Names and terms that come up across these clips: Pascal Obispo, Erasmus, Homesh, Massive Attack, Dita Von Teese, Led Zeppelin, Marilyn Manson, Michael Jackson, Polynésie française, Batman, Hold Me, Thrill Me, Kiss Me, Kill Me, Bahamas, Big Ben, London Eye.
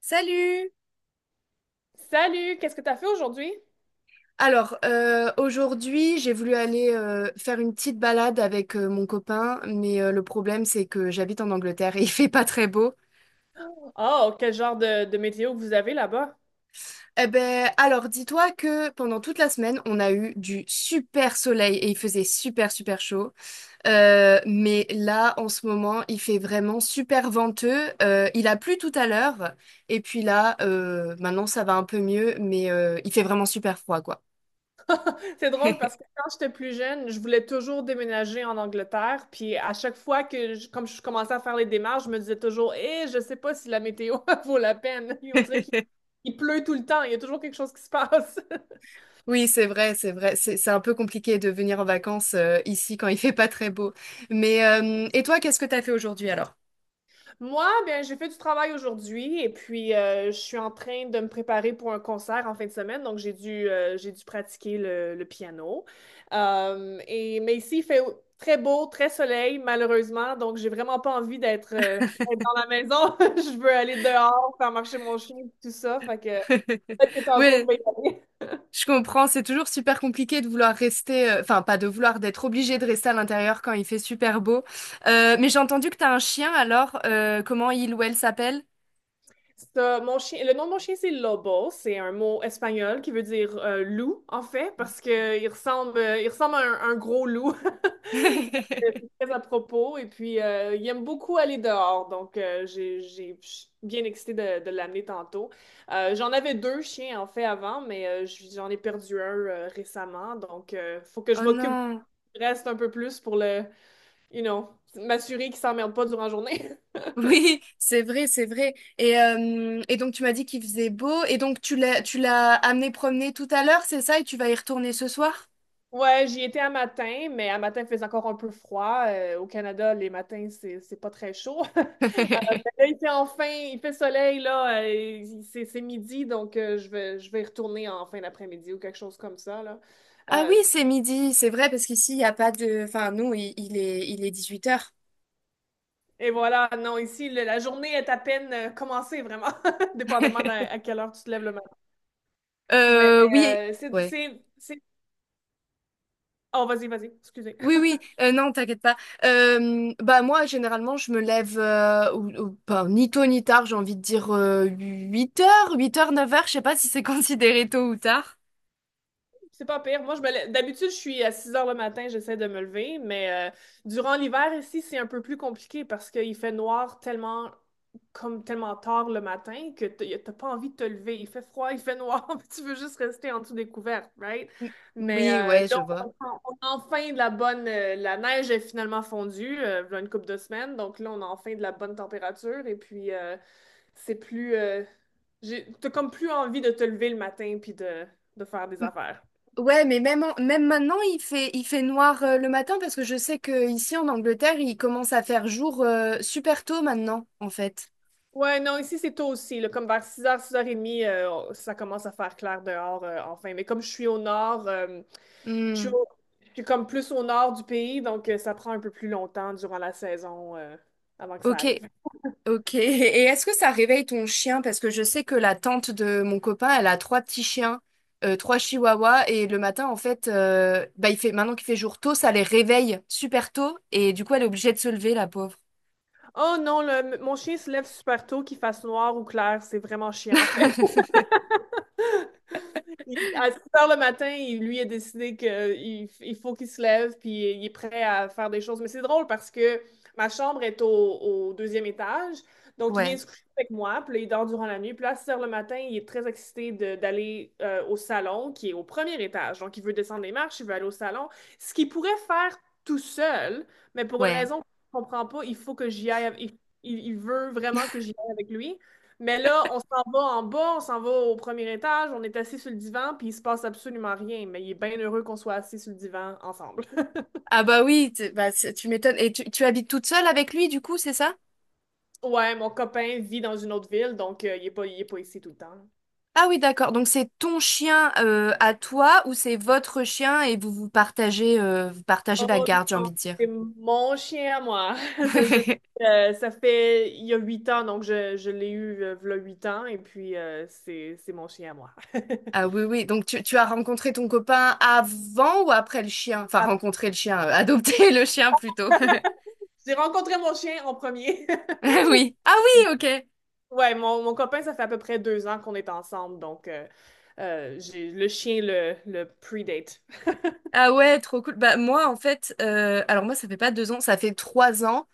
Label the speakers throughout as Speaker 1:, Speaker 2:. Speaker 1: Salut!
Speaker 2: Salut, qu'est-ce que t'as fait aujourd'hui?
Speaker 1: Aujourd'hui, j'ai voulu aller faire une petite balade avec mon copain, mais le problème, c'est que j'habite en Angleterre et il fait pas très beau.
Speaker 2: Oh, quel genre de météo que vous avez là-bas?
Speaker 1: Eh ben, alors, dis-toi que pendant toute la semaine, on a eu du super soleil et il faisait super, super chaud. Mais là, en ce moment, il fait vraiment super venteux. Il a plu tout à l'heure et puis là, maintenant, ça va un peu mieux, mais il fait vraiment super froid, quoi.
Speaker 2: C'est drôle parce que quand j'étais plus jeune, je voulais toujours déménager en Angleterre. Puis à chaque fois que, comme je commençais à faire les démarches, je me disais toujours, eh, je sais pas si la météo vaut la peine. Et on dirait qu'il il pleut tout le temps, il y a toujours quelque chose qui se passe.
Speaker 1: Oui, c'est vrai, c'est vrai. C'est un peu compliqué de venir en vacances ici quand il fait pas très beau. Mais et toi, qu'est-ce que t'as fait aujourd'hui alors?
Speaker 2: Moi, ben, j'ai fait du travail aujourd'hui et puis je suis en train de me préparer pour un concert en fin de semaine, donc j'ai dû pratiquer le piano. Mais ici, il fait très beau, très soleil, malheureusement, donc j'ai vraiment pas envie d'être dans la maison. Je veux aller dehors, faire marcher mon chien, tout ça, fait que peut-être que tantôt
Speaker 1: Oui,
Speaker 2: je vais y aller.
Speaker 1: je comprends. C'est toujours super compliqué de vouloir rester, enfin pas de vouloir, d'être obligé de rester à l'intérieur quand il fait super beau. Mais j'ai entendu que t'as un chien. Alors, comment il ou elle s'appelle?
Speaker 2: Ça, mon chien, le nom de mon chien, c'est Lobo. C'est un mot espagnol qui veut dire loup, en fait, parce que il ressemble à un gros loup. Donc, c'est très à propos. Et puis, il aime beaucoup aller dehors. Donc, je suis bien excitée de l'amener tantôt. J'en avais deux chiens, en fait, avant, mais j'en ai perdu un récemment. Donc, il faut que je
Speaker 1: Oh
Speaker 2: m'occupe
Speaker 1: non.
Speaker 2: du reste un peu plus pour le, you know, m'assurer qu'il s'emmerde pas durant la journée.
Speaker 1: Oui, c'est vrai, c'est vrai. Et donc tu m'as dit qu'il faisait beau et donc tu l'as amené promener tout à l'heure, c'est ça? Et tu vas y retourner ce soir?
Speaker 2: Ouais, j'y étais à matin, mais à matin, il faisait encore un peu froid. Au Canada, les matins, c'est pas très chaud. Euh, mais là, il fait enfin, il fait soleil, là. C'est midi, donc je vais y retourner en fin d'après-midi ou quelque chose comme ça, là.
Speaker 1: Ah oui,
Speaker 2: Euh,
Speaker 1: c'est midi, c'est vrai, parce qu'ici, il n'y a pas de... Enfin, nous, il est 18 heures.
Speaker 2: et voilà, non, ici, la journée est à peine commencée, vraiment, dépendamment à, quelle heure tu te lèves le matin. Mais
Speaker 1: Oui, ouais.
Speaker 2: Oh, vas-y, vas-y, excusez.
Speaker 1: Oui, oui, non, t'inquiète pas. Bah moi, généralement, je me lève ou pas, ni tôt ni tard, j'ai envie de dire 8 heures 8 heures 9 heures je sais pas si c'est considéré tôt ou tard.
Speaker 2: C'est pas pire. Moi, d'habitude, je suis à 6 heures le matin, j'essaie de me lever, mais durant l'hiver ici, c'est un peu plus compliqué parce qu'il fait noir tellement tard le matin que t'as pas envie de te lever. Il fait froid, il fait noir, puis tu veux juste rester en dessous des couvertes, right?
Speaker 1: M-
Speaker 2: Mais
Speaker 1: Oui, ouais,
Speaker 2: là,
Speaker 1: je vois.
Speaker 2: on a enfin la neige est finalement fondue, il y a une couple de semaines, donc là, on a enfin de la bonne température et puis c'est plus... euh, t'as comme plus envie de te lever le matin puis de faire des
Speaker 1: M-
Speaker 2: affaires.
Speaker 1: Ouais, mais même, en- même maintenant, il fait noir le matin parce que je sais que ici en Angleterre, il commence à faire jour super tôt maintenant, en fait.
Speaker 2: Ouais, non, ici c'est tôt aussi, là, comme vers six heures 30, ça commence à faire clair dehors enfin. Mais comme je suis au nord, je suis,
Speaker 1: Hmm,
Speaker 2: au- je suis comme plus au nord du pays, donc ça prend un peu plus longtemps durant la saison avant que ça
Speaker 1: ok,
Speaker 2: arrive.
Speaker 1: ok. Et est-ce que ça réveille ton chien? Parce que je sais que la tante de mon copain, elle a 3 petits chiens, 3 chihuahuas, et le matin, en fait, bah, il fait, maintenant qu'il fait jour tôt, ça les réveille super tôt, et du coup, elle est obligée de se lever, la pauvre.
Speaker 2: Oh non, mon chien se lève super tôt, qu'il fasse noir ou clair, c'est vraiment chiant en fait. À 6 heures le matin, lui a décidé qu'il il faut qu'il se lève, puis il est prêt à faire des choses. Mais c'est drôle parce que ma chambre est au deuxième étage, donc il vient
Speaker 1: Ouais,
Speaker 2: se coucher avec moi, puis là, il dort durant la nuit. Puis là, à 6 heures le matin, il est très excité d'aller au salon, qui est au premier étage. Donc, il veut descendre les marches, il veut aller au salon, ce qu'il pourrait faire tout seul, mais pour une
Speaker 1: ouais.
Speaker 2: raison qu'on ne comprend pas, il faut que j'y aille. Il veut vraiment que j'y aille avec lui. Mais là, on s'en va en bas, on s'en va au premier étage, on est assis sur le divan, puis il se passe absolument rien. Mais il est bien heureux qu'on soit assis sur le divan ensemble.
Speaker 1: Ah bah oui, t- bah, c'est- tu m'étonnes. Et tu habites toute seule avec lui, du coup, c'est ça?
Speaker 2: Ouais, mon copain vit dans une autre ville, donc il est pas ici tout le temps.
Speaker 1: Ah oui, d'accord. Donc c'est ton chien à toi ou c'est votre chien et vous vous partagez la
Speaker 2: Oh
Speaker 1: garde, j'ai
Speaker 2: non,
Speaker 1: envie de dire.
Speaker 2: c'est mon chien à moi. Ça, je- euh, ça fait il y a huit ans, donc je l'ai eu v'là huit ans, et puis c'est mon chien à moi.
Speaker 1: Ah oui, oui. Donc tu as rencontré ton copain avant ou après le chien? Enfin,
Speaker 2: Ah,
Speaker 1: rencontré le chien, adopté le chien plutôt.
Speaker 2: j'ai rencontré mon chien en premier.
Speaker 1: Ah oui. Ah oui, ok.
Speaker 2: Ouais, mon copain, ça fait à peu près deux ans qu'on est ensemble, donc j'ai le chien le predate.
Speaker 1: Ah ouais, trop cool. Bah moi, en fait, alors moi, ça fait pas 2 ans, ça fait 3 ans.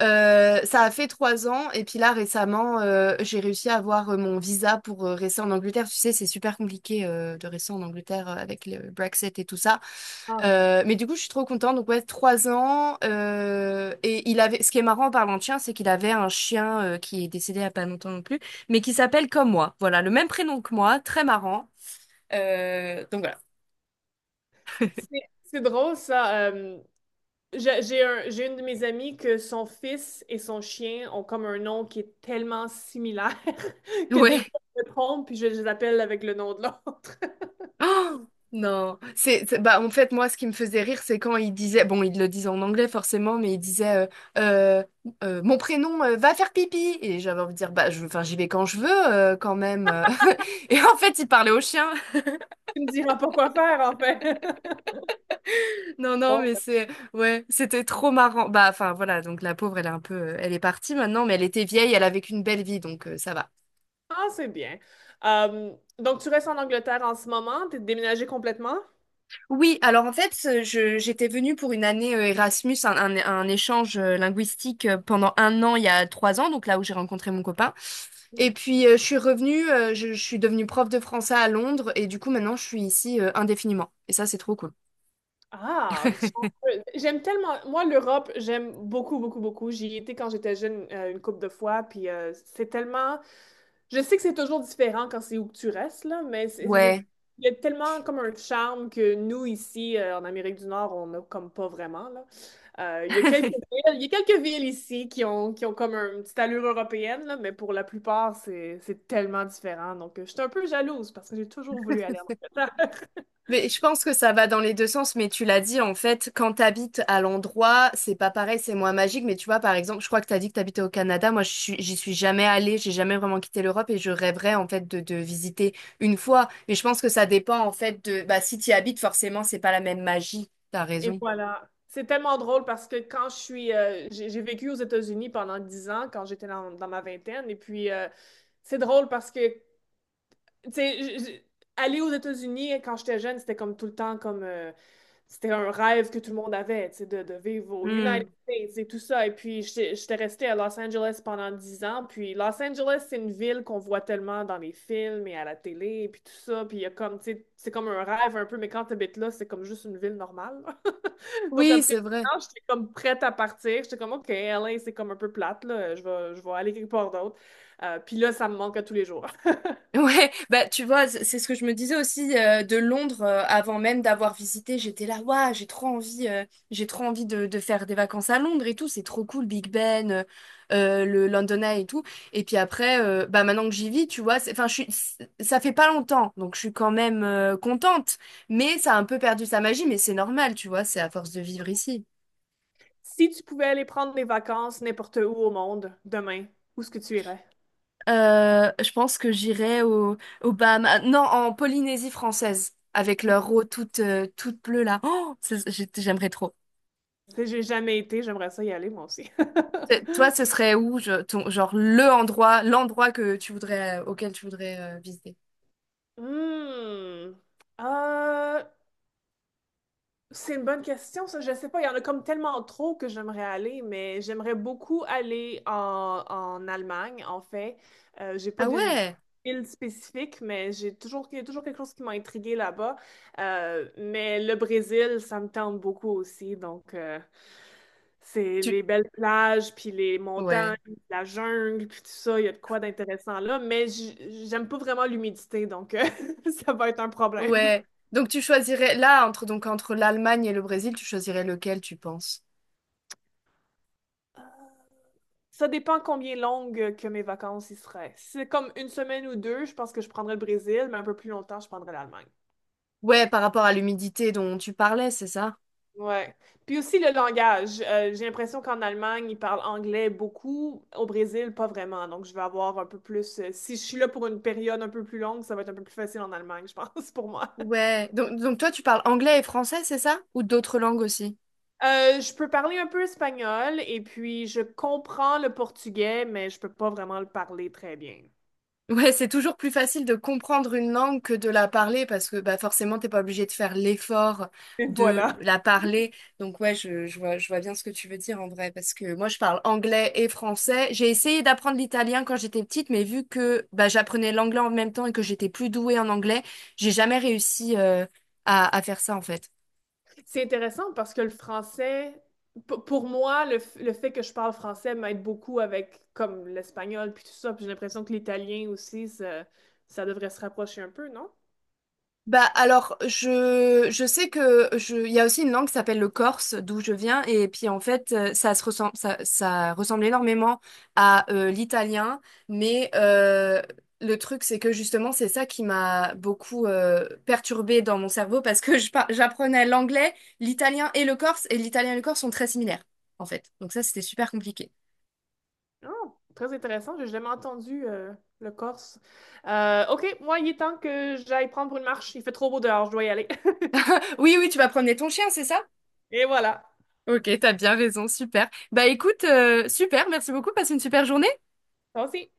Speaker 1: Ça a fait 3 ans. Et puis là, récemment, j'ai réussi à avoir mon visa pour rester en Angleterre. Tu sais, c'est super compliqué de rester en Angleterre avec le Brexit et tout ça.
Speaker 2: Ah, rien.
Speaker 1: Mais du coup, je suis trop contente. Donc, ouais, 3 ans. Et il avait, ce qui est marrant en parlant de chien, c'est qu'il avait un chien qui est décédé il y a pas longtemps non plus, mais qui s'appelle comme moi. Voilà, le même prénom que moi. Très marrant. Donc, voilà.
Speaker 2: C'est drôle ça. J'ai une de mes amies que son fils et son chien ont comme un nom qui est tellement similaire que des
Speaker 1: Ouais.
Speaker 2: fois je me trompe puis je les appelle avec le nom de l'autre.
Speaker 1: Oh, non. C'est- bah, en fait, moi, ce qui me faisait rire, c'est quand il disait, bon, il le disait en anglais forcément, mais il disait, euh, mon prénom, va faire pipi. Et j'avais envie de dire, bah, je, enfin, j'y vais quand je veux, quand même. Et en fait, il parlait au chien.
Speaker 2: Tu me diras pas quoi faire en fait.
Speaker 1: Non, non,
Speaker 2: Bon,
Speaker 1: mais c'est, ouais, c'était trop marrant. Bah, enfin, voilà, donc la pauvre, elle est un peu, elle est partie maintenant, mais elle était vieille, elle a vécu une belle vie, donc ça va.
Speaker 2: Ah, c'est bien. Donc tu restes en Angleterre en ce moment? T'es déménagé complètement?
Speaker 1: Oui, alors en fait, je, j'étais venue pour 1 année Erasmus, un échange linguistique pendant 1 an, il y a 3 ans, donc là où j'ai rencontré mon copain. Et puis, je suis revenue, je suis devenue prof de français à Londres, et du coup, maintenant, je suis ici indéfiniment. Et ça, c'est trop cool.
Speaker 2: Ah, j'aime tellement. Moi, l'Europe, j'aime beaucoup, beaucoup, beaucoup. J'y étais quand j'étais jeune une couple de fois, puis c'est tellement. Je sais que c'est toujours différent quand c'est où que tu restes, là, mais
Speaker 1: Ouais.
Speaker 2: il y a tellement comme un charme que nous, ici, en Amérique du Nord, on n'a comme pas vraiment, là. Il y a quelques villes, il y a quelques villes ici qui ont comme une petite allure européenne, là, mais pour la plupart, c'est tellement différent. Donc, je suis un peu jalouse parce que j'ai toujours voulu aller en Angleterre.
Speaker 1: Mais je pense que ça va dans les deux sens, mais tu l'as dit, en fait, quand t'habites à l'endroit, c'est pas pareil, c'est moins magique, mais tu vois, par exemple, je crois que t'as dit que t'habitais au Canada, moi, je suis- j'y suis jamais allée, j'ai jamais vraiment quitté l'Europe et je rêverais, en fait, de visiter une fois, mais je pense que ça dépend, en fait, de, bah, si t'y habites, forcément, c'est pas la même magie, t'as
Speaker 2: Et
Speaker 1: raison.
Speaker 2: voilà. C'est tellement drôle parce que quand je suis, j'ai vécu aux États-Unis pendant 10 ans quand j'étais dans ma vingtaine. Et puis, c'est drôle parce que tu sais, aller aux États-Unis quand j'étais jeune, c'était un rêve que tout le monde avait, tu sais, de vivre aux United
Speaker 1: Hmm.
Speaker 2: States et tout ça. Et puis j'étais restée à Los Angeles pendant 10 ans. Puis Los Angeles, c'est une ville qu'on voit tellement dans les films et à la télé et puis tout ça. Puis il y a comme, tu sais, c'est comme un rêve un peu, mais quand t'habites là, c'est comme juste une ville normale. Donc
Speaker 1: Oui,
Speaker 2: après
Speaker 1: c'est
Speaker 2: 10
Speaker 1: vrai.
Speaker 2: ans, j'étais comme prête à partir. J'étais comme OK, LA, c'est comme un peu plate là. Je vais aller quelque part d'autre. Puis là, ça me manque à tous les jours.
Speaker 1: Ouais, bah tu vois, c- c'est ce que je me disais aussi de Londres avant même d'avoir visité. J'étais là, waouh, j'ai trop envie de faire des vacances à Londres et tout. C'est trop cool, Big Ben, le London Eye et tout. Et puis après, bah maintenant que j'y vis, tu vois, c'est- enfin, je suis, c'est- ça fait pas longtemps, donc je suis quand même contente. Mais ça a un peu perdu sa magie, mais c'est normal, tu vois, c'est à force de vivre ici.
Speaker 2: Si tu pouvais aller prendre des vacances n'importe où au monde, demain, où est-ce que tu irais?
Speaker 1: Je pense que j'irai au, aux Bahamas. Ah, non, en Polynésie française, avec leur eau toute, toute bleue là. Oh, c'est- j'ai- j'aimerais trop.
Speaker 2: Tu sais, j'ai jamais été, j'aimerais ça y aller moi aussi.
Speaker 1: Toi, ce serait où, je- ton- genre le endroit, l'endroit que tu voudrais, auquel tu voudrais visiter?
Speaker 2: Hmm. Euh, C'est une bonne question, ça. Je sais pas. Il y en a comme tellement trop que j'aimerais aller, mais j'aimerais beaucoup aller en Allemagne, en fait. J'ai pas
Speaker 1: Ah
Speaker 2: de
Speaker 1: ouais,
Speaker 2: île spécifique, mais il y a toujours quelque chose qui m'a intriguée là-bas. Mais le Brésil, ça me tente beaucoup aussi. Donc, c'est
Speaker 1: tu,
Speaker 2: les belles plages, puis les montagnes,
Speaker 1: ouais,
Speaker 2: la jungle, puis tout ça. Il y a de quoi d'intéressant là. Mais j'aime pas vraiment l'humidité, donc ça va être un problème.
Speaker 1: ouais. Donc tu choisirais là entre donc entre l'Allemagne et le Brésil, tu choisirais lequel tu penses?
Speaker 2: Ça dépend combien longues que mes vacances y seraient. Si c'est comme une semaine ou deux, je pense que je prendrais le Brésil, mais un peu plus longtemps, je prendrais l'Allemagne.
Speaker 1: Ouais, par rapport à l'humidité dont tu parlais, c'est ça?
Speaker 2: Ouais. Puis aussi le langage. J'ai l'impression qu'en Allemagne, ils parlent anglais beaucoup. Au Brésil, pas vraiment. Donc, je vais avoir un peu plus, si je suis là pour une période un peu plus longue, ça va être un peu plus facile en Allemagne, je pense, pour moi.
Speaker 1: Ouais. Donc toi, tu parles anglais et français, c'est ça? Ou d'autres langues aussi?
Speaker 2: Je peux parler un peu espagnol et puis je comprends le portugais, mais je peux pas vraiment le parler très bien.
Speaker 1: Ouais, c'est toujours plus facile de comprendre une langue que de la parler parce que bah, forcément, t'es pas obligé de faire l'effort
Speaker 2: Et
Speaker 1: de
Speaker 2: voilà.
Speaker 1: la parler. Donc ouais, je vois bien ce que tu veux dire en vrai parce que moi, je parle anglais et français. J'ai essayé d'apprendre l'italien quand j'étais petite, mais vu que bah, j'apprenais l'anglais en même temps et que j'étais plus douée en anglais, j'ai jamais réussi à faire ça en fait.
Speaker 2: C'est intéressant parce que le français, pour moi, le fait que je parle français m'aide beaucoup avec comme l'espagnol puis tout ça. Puis j'ai l'impression que l'italien aussi, ça devrait se rapprocher un peu, non?
Speaker 1: Bah alors, je sais que je, il y a aussi une langue qui s'appelle le corse, d'où je viens, et puis en fait, ça se ressemble, ça ressemble énormément à l'italien, mais le truc, c'est que justement, c'est ça qui m'a beaucoup perturbée dans mon cerveau parce que je par- j'apprenais l'anglais, l'italien et le corse, et l'italien et le corse sont très similaires, en fait. Donc ça, c'était super compliqué.
Speaker 2: Oh, très intéressant. J'ai jamais entendu le corse. OK, moi, il est temps que j'aille prendre une marche. Il fait trop beau dehors, je dois y aller.
Speaker 1: Oui, oui, tu vas promener ton chien, c'est ça?
Speaker 2: Et voilà.
Speaker 1: Ok, t'as bien raison, super. Bah écoute, super, merci beaucoup, passe une super journée.
Speaker 2: Toi aussi.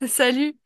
Speaker 1: Salut!